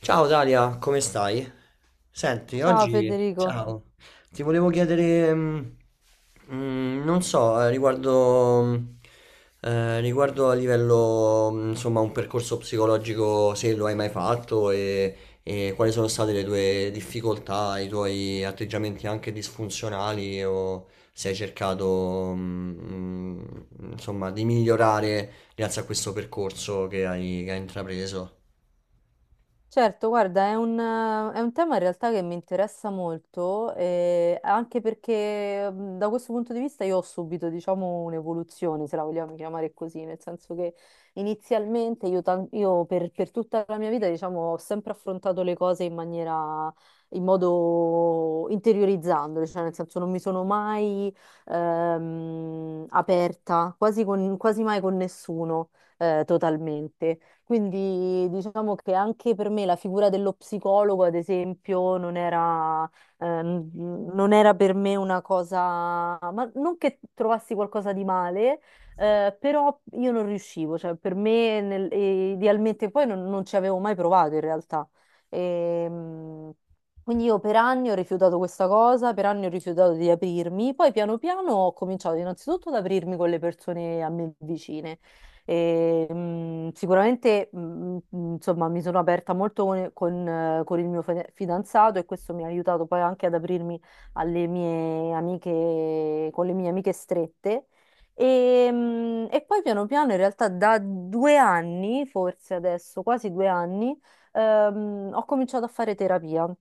Ciao Dalia, come stai? Senti, Ciao oggi, Federico. ciao, ti volevo chiedere, non so, riguardo, riguardo a livello, insomma, un percorso psicologico, se lo hai mai fatto e quali sono state le tue difficoltà, i tuoi atteggiamenti anche disfunzionali o se hai cercato, insomma, di migliorare grazie a questo percorso che hai intrapreso. Certo, guarda, è un tema in realtà che mi interessa molto, anche perché da questo punto di vista io ho subito, diciamo, un'evoluzione, se la vogliamo chiamare così, nel senso che inizialmente io per tutta la mia vita, diciamo, ho sempre affrontato le cose in maniera, in modo interiorizzandole, cioè nel senso non mi sono mai aperta, quasi, quasi mai con nessuno totalmente. Quindi diciamo che anche per me la figura dello psicologo, ad esempio, non era per me una cosa, ma non che trovassi qualcosa di male, però io non riuscivo, cioè per me idealmente poi non, non ci avevo mai provato in realtà. Ehm, quindi io per anni ho rifiutato questa cosa, per anni ho rifiutato di aprirmi, poi piano piano ho cominciato innanzitutto ad aprirmi con le persone a me vicine. Sicuramente, insomma, mi sono aperta molto con il mio fidanzato e questo mi ha aiutato poi anche ad aprirmi alle mie amiche, con le mie amiche strette. E poi piano piano, in realtà, da due anni, forse adesso, quasi due anni, ho cominciato a fare terapia.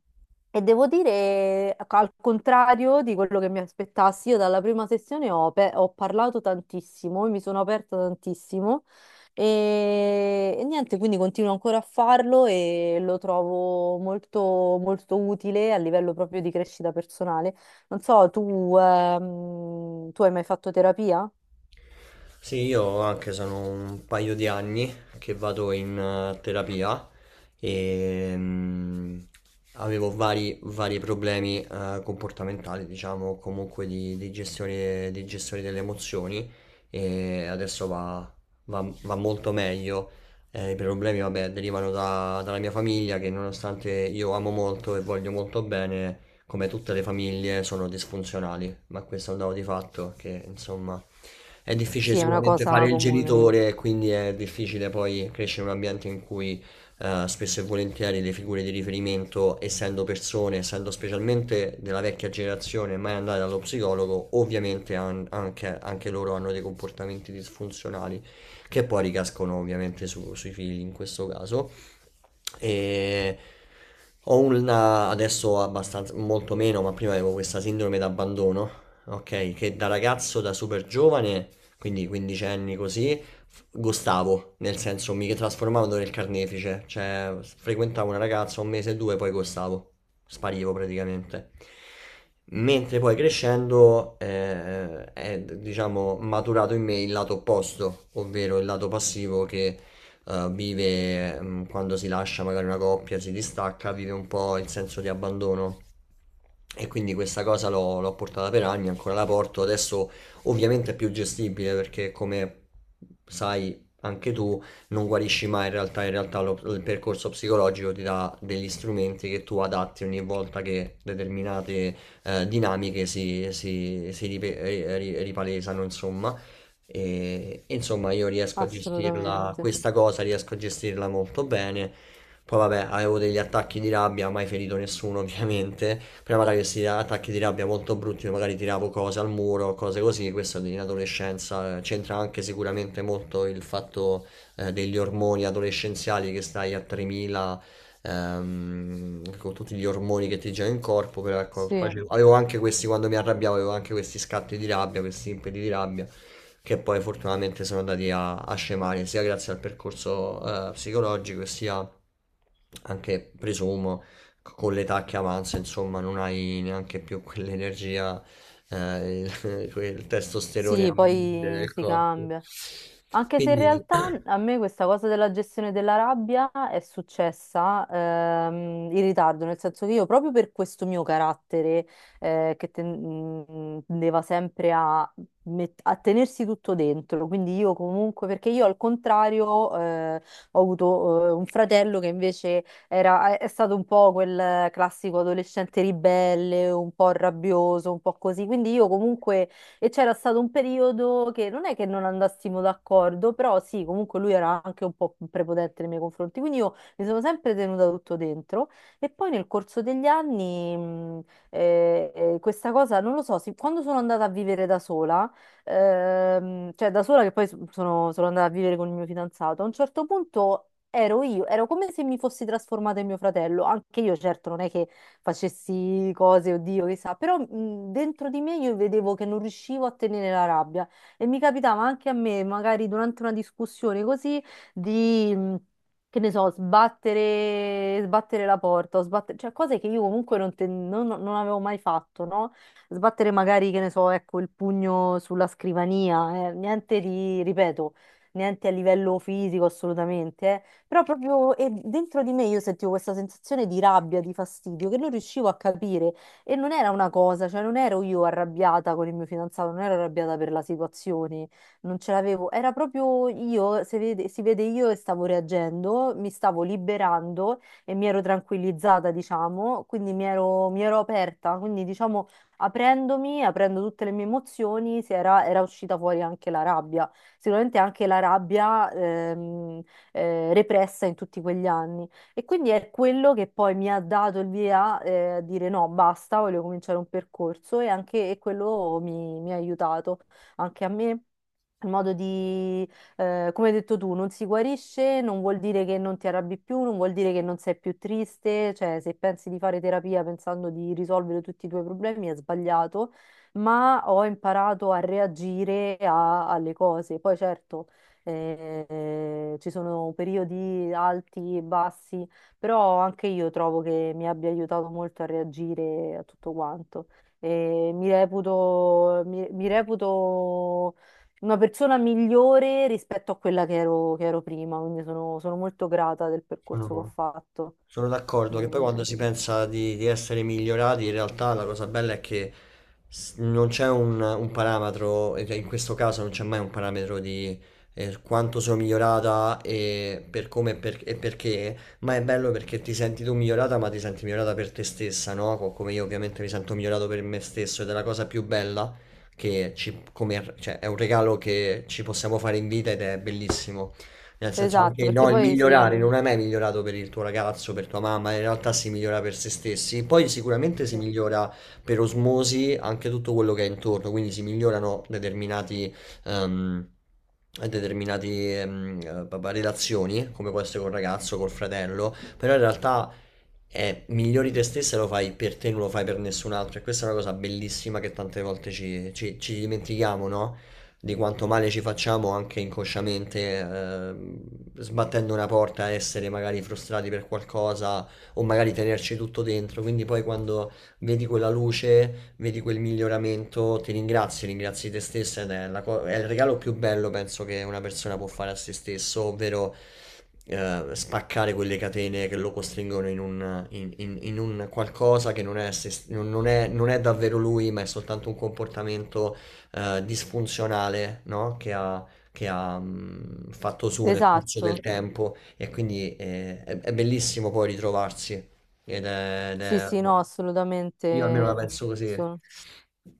E devo dire, ecco, al contrario di quello che mi aspettassi, io dalla prima sessione ho parlato tantissimo, mi sono aperta tantissimo e niente, quindi continuo ancora a farlo e lo trovo molto, molto utile a livello proprio di crescita personale. Non so, tu hai mai fatto terapia? Sì, io anche sono un paio di anni che vado in terapia e avevo vari problemi comportamentali, diciamo, comunque di gestione delle emozioni e adesso va molto meglio. I problemi, vabbè, derivano dalla mia famiglia che, nonostante io amo molto e voglio molto bene, come tutte le famiglie, sono disfunzionali, ma questo è un dato di fatto che, insomma, è difficile Sì, è una sicuramente fare cosa il comune, genitore, quindi è difficile poi crescere in un ambiente in cui spesso e volentieri le figure di riferimento, essendo persone, essendo specialmente della vecchia generazione, mai andate dallo psicologo, ovviamente anche, anche loro hanno dei comportamenti disfunzionali che poi ricascono ovviamente sui figli in questo caso. E ho una adesso abbastanza, molto meno, ma prima avevo questa sindrome d'abbandono, ok? Che da ragazzo, da super giovane, quindi 15 anni così, gostavo, nel senso mi trasformavo nel carnefice, cioè frequentavo una ragazza un mese e due, poi gostavo, sparivo praticamente. Mentre poi crescendo è, diciamo, maturato in me il lato opposto, ovvero il lato passivo che vive quando si lascia magari una coppia, si distacca, vive un po' il senso di abbandono. E quindi questa cosa l'ho portata per anni, ancora la porto. Adesso ovviamente è più gestibile perché, come sai anche tu, non guarisci mai in realtà. In realtà il percorso psicologico ti dà degli strumenti che tu adatti ogni volta che determinate dinamiche si ripalesano, insomma. E insomma, io riesco a gestirla, assolutamente. questa cosa riesco a gestirla molto bene. Poi vabbè, avevo degli attacchi di rabbia, mai ferito nessuno ovviamente. Prima avevo questi attacchi di rabbia molto brutti, dove magari tiravo cose al muro, cose così. Questo in adolescenza, c'entra anche sicuramente molto il fatto degli ormoni adolescenziali, che stai a 3000, con tutti gli ormoni che ti girano in corpo, però ecco, Sì. Avevo anche questi quando mi arrabbiavo, avevo anche questi scatti di rabbia, questi impeti di rabbia che poi fortunatamente sono andati a, a scemare sia grazie al percorso psicologico sia anche, presumo, con l'età che avanza, insomma. Non hai neanche più quell'energia, quel testosterone Sì, a mille poi del si corpo. cambia. Anche se in Quindi realtà a me questa cosa della gestione della rabbia è successa in ritardo, nel senso che io proprio per questo mio carattere tendeva sempre a, a tenersi tutto dentro, quindi io comunque, perché io al contrario ho avuto un fratello che invece è stato un po' quel classico adolescente ribelle, un po' rabbioso, un po' così, quindi io comunque e c'era stato un periodo che non è che non andassimo d'accordo, però sì, comunque lui era anche un po' prepotente nei miei confronti, quindi io mi sono sempre tenuta tutto dentro. E poi nel corso degli anni, questa cosa, non lo so, sì, quando sono andata a vivere da sola, cioè da sola che poi sono andata a vivere con il mio fidanzato, a un certo punto. Ero io, ero come se mi fossi trasformata in mio fratello, anche io certo non è che facessi cose, oddio, chissà, però dentro di me io vedevo che non riuscivo a tenere la rabbia e mi capitava anche a me, magari durante una discussione così, di... mh, che ne so, sbattere, sbattere la porta, o sbattere, cioè cose che io comunque non, te- non- non avevo mai fatto, no? Sbattere magari, che ne so, ecco, il pugno sulla scrivania, niente di, ripeto, niente a livello fisico assolutamente, eh. Però proprio e dentro di me io sentivo questa sensazione di rabbia, di fastidio, che non riuscivo a capire. E non era una cosa, cioè non ero io arrabbiata con il mio fidanzato, non ero arrabbiata per la situazione, non ce l'avevo. Era proprio io, si vede io che stavo reagendo, mi stavo liberando e mi ero tranquillizzata, diciamo, quindi mi ero aperta, quindi diciamo aprendomi, aprendo tutte le mie emozioni, era uscita fuori anche la rabbia. Sicuramente anche la rabbia, repressa in tutti quegli anni. E quindi è quello che poi mi ha dato il via, a dire no, basta, voglio cominciare un percorso e anche e quello mi ha aiutato anche a me. Il modo di, come hai detto tu, non si guarisce, non vuol dire che non ti arrabbi più, non vuol dire che non sei più triste, cioè se pensi di fare terapia pensando di risolvere tutti i tuoi problemi è sbagliato, ma ho imparato a reagire alle cose. Poi certo ci sono periodi alti e bassi, però anche io trovo che mi abbia aiutato molto a reagire a tutto quanto. E mi reputo, mi reputo una persona migliore rispetto a quella che ero prima, quindi sono, sono molto grata del percorso che ho sono fatto. sono d'accordo che poi Mm, quando eh, si pensa di essere migliorati, in realtà la cosa bella è che non c'è un parametro, e che in questo caso non c'è mai un parametro di quanto sono migliorata e per come perché, ma è bello perché ti senti tu migliorata, ma ti senti migliorata per te stessa, no? Come io ovviamente mi sento migliorato per me stesso, ed è la cosa più bella che cioè, è un regalo che ci possiamo fare in vita ed è bellissimo. Nel senso, Esatto, anche perché no, il poi sì, migliorare non è mai migliorato per il tuo ragazzo, per tua mamma, in realtà si migliora per se stessi. Poi sicuramente si sì. migliora per osmosi anche tutto quello che è intorno, quindi si migliorano determinati, ehm, determinati papà, relazioni, come può essere col ragazzo, col fratello, però in realtà è migliori te stessa, lo fai per te, non lo fai per nessun altro. E questa è una cosa bellissima che tante volte ci dimentichiamo, no? Di quanto male ci facciamo anche inconsciamente, sbattendo una porta, essere magari frustrati per qualcosa o magari tenerci tutto dentro. Quindi poi quando vedi quella luce, vedi quel miglioramento, ti ringrazi, ringrazi te stessa, ed è, è il regalo più bello, penso, che una persona può fare a se stesso, ovvero spaccare quelle catene che lo costringono in in un qualcosa che non è, non è, non è davvero lui, ma è soltanto un comportamento disfunzionale, no? Che ha, fatto su nel corso del Esatto, tempo, e quindi è bellissimo poi ritrovarsi. Ed è- ed sì, è- sì, no, Io almeno la assolutamente. penso così.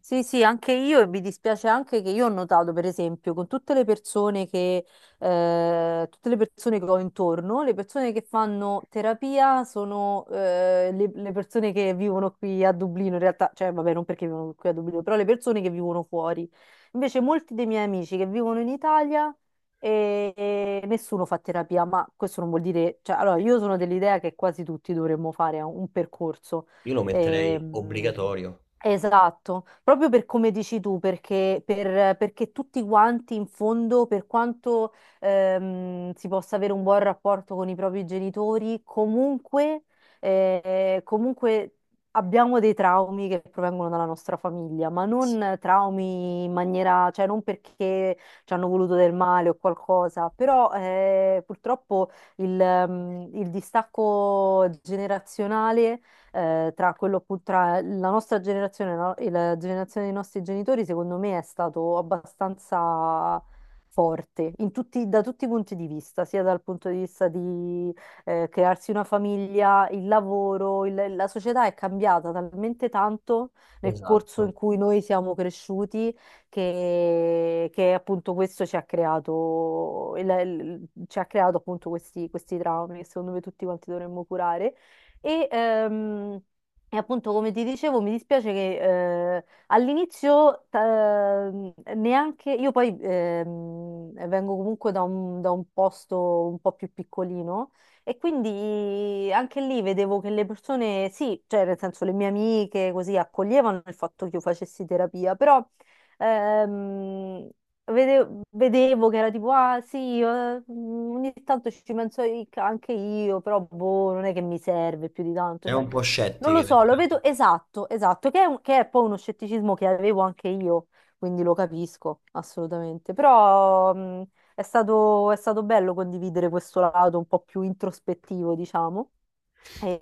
Sì, sì, anche io e mi dispiace anche che io ho notato, per esempio, con tutte tutte le persone che ho intorno, le persone che fanno terapia sono le persone che vivono qui a Dublino, in realtà, cioè vabbè, non perché vivono qui a Dublino, però le persone che vivono fuori. Invece molti dei miei amici che vivono in Italia e nessuno fa terapia, ma questo non vuol dire, cioè, allora io sono dell'idea che quasi tutti dovremmo fare un percorso. Io lo metterei Ehm, obbligatorio. Esatto, proprio per come dici tu, perché, perché tutti quanti in fondo, per quanto si possa avere un buon rapporto con i propri genitori, comunque abbiamo dei traumi che provengono dalla nostra famiglia, ma non traumi in maniera, cioè non perché ci hanno voluto del male o qualcosa, però purtroppo il il distacco generazionale tra quello appunto, tra la nostra generazione, no, e la generazione dei nostri genitori, secondo me è stato abbastanza forte in da tutti i punti di vista, sia dal punto di vista di crearsi una famiglia, il lavoro, la società è cambiata talmente tanto nel corso Esatto. in cui noi siamo cresciuti che appunto questo ci ha creato, ci ha creato appunto questi traumi che secondo me tutti quanti dovremmo curare. E, ehm, e appunto, come ti dicevo, mi dispiace che all'inizio neanche io poi vengo comunque da un posto un po' più piccolino e quindi anche lì vedevo che le persone, sì, cioè nel senso le mie amiche così accoglievano il fatto che io facessi terapia, però ehm, vedevo che era tipo, ah sì, mm, ogni tanto ci penso anche io, però boh, non è che mi serve più di tanto, È cioè, un po' non lo scettiche. so, Perché... lo vedo esatto, esatto, che è, che è poi uno scetticismo che avevo anche io, quindi lo capisco assolutamente, però mm, è stato bello condividere questo lato un po' più introspettivo, diciamo,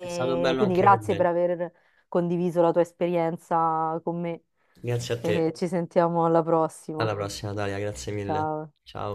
È stato bello quindi anche per grazie per me. aver condiviso la tua esperienza con me Grazie a te. e ci sentiamo alla Alla prossima. prossima, Dalia. Grazie mille. Ciao. Ciao.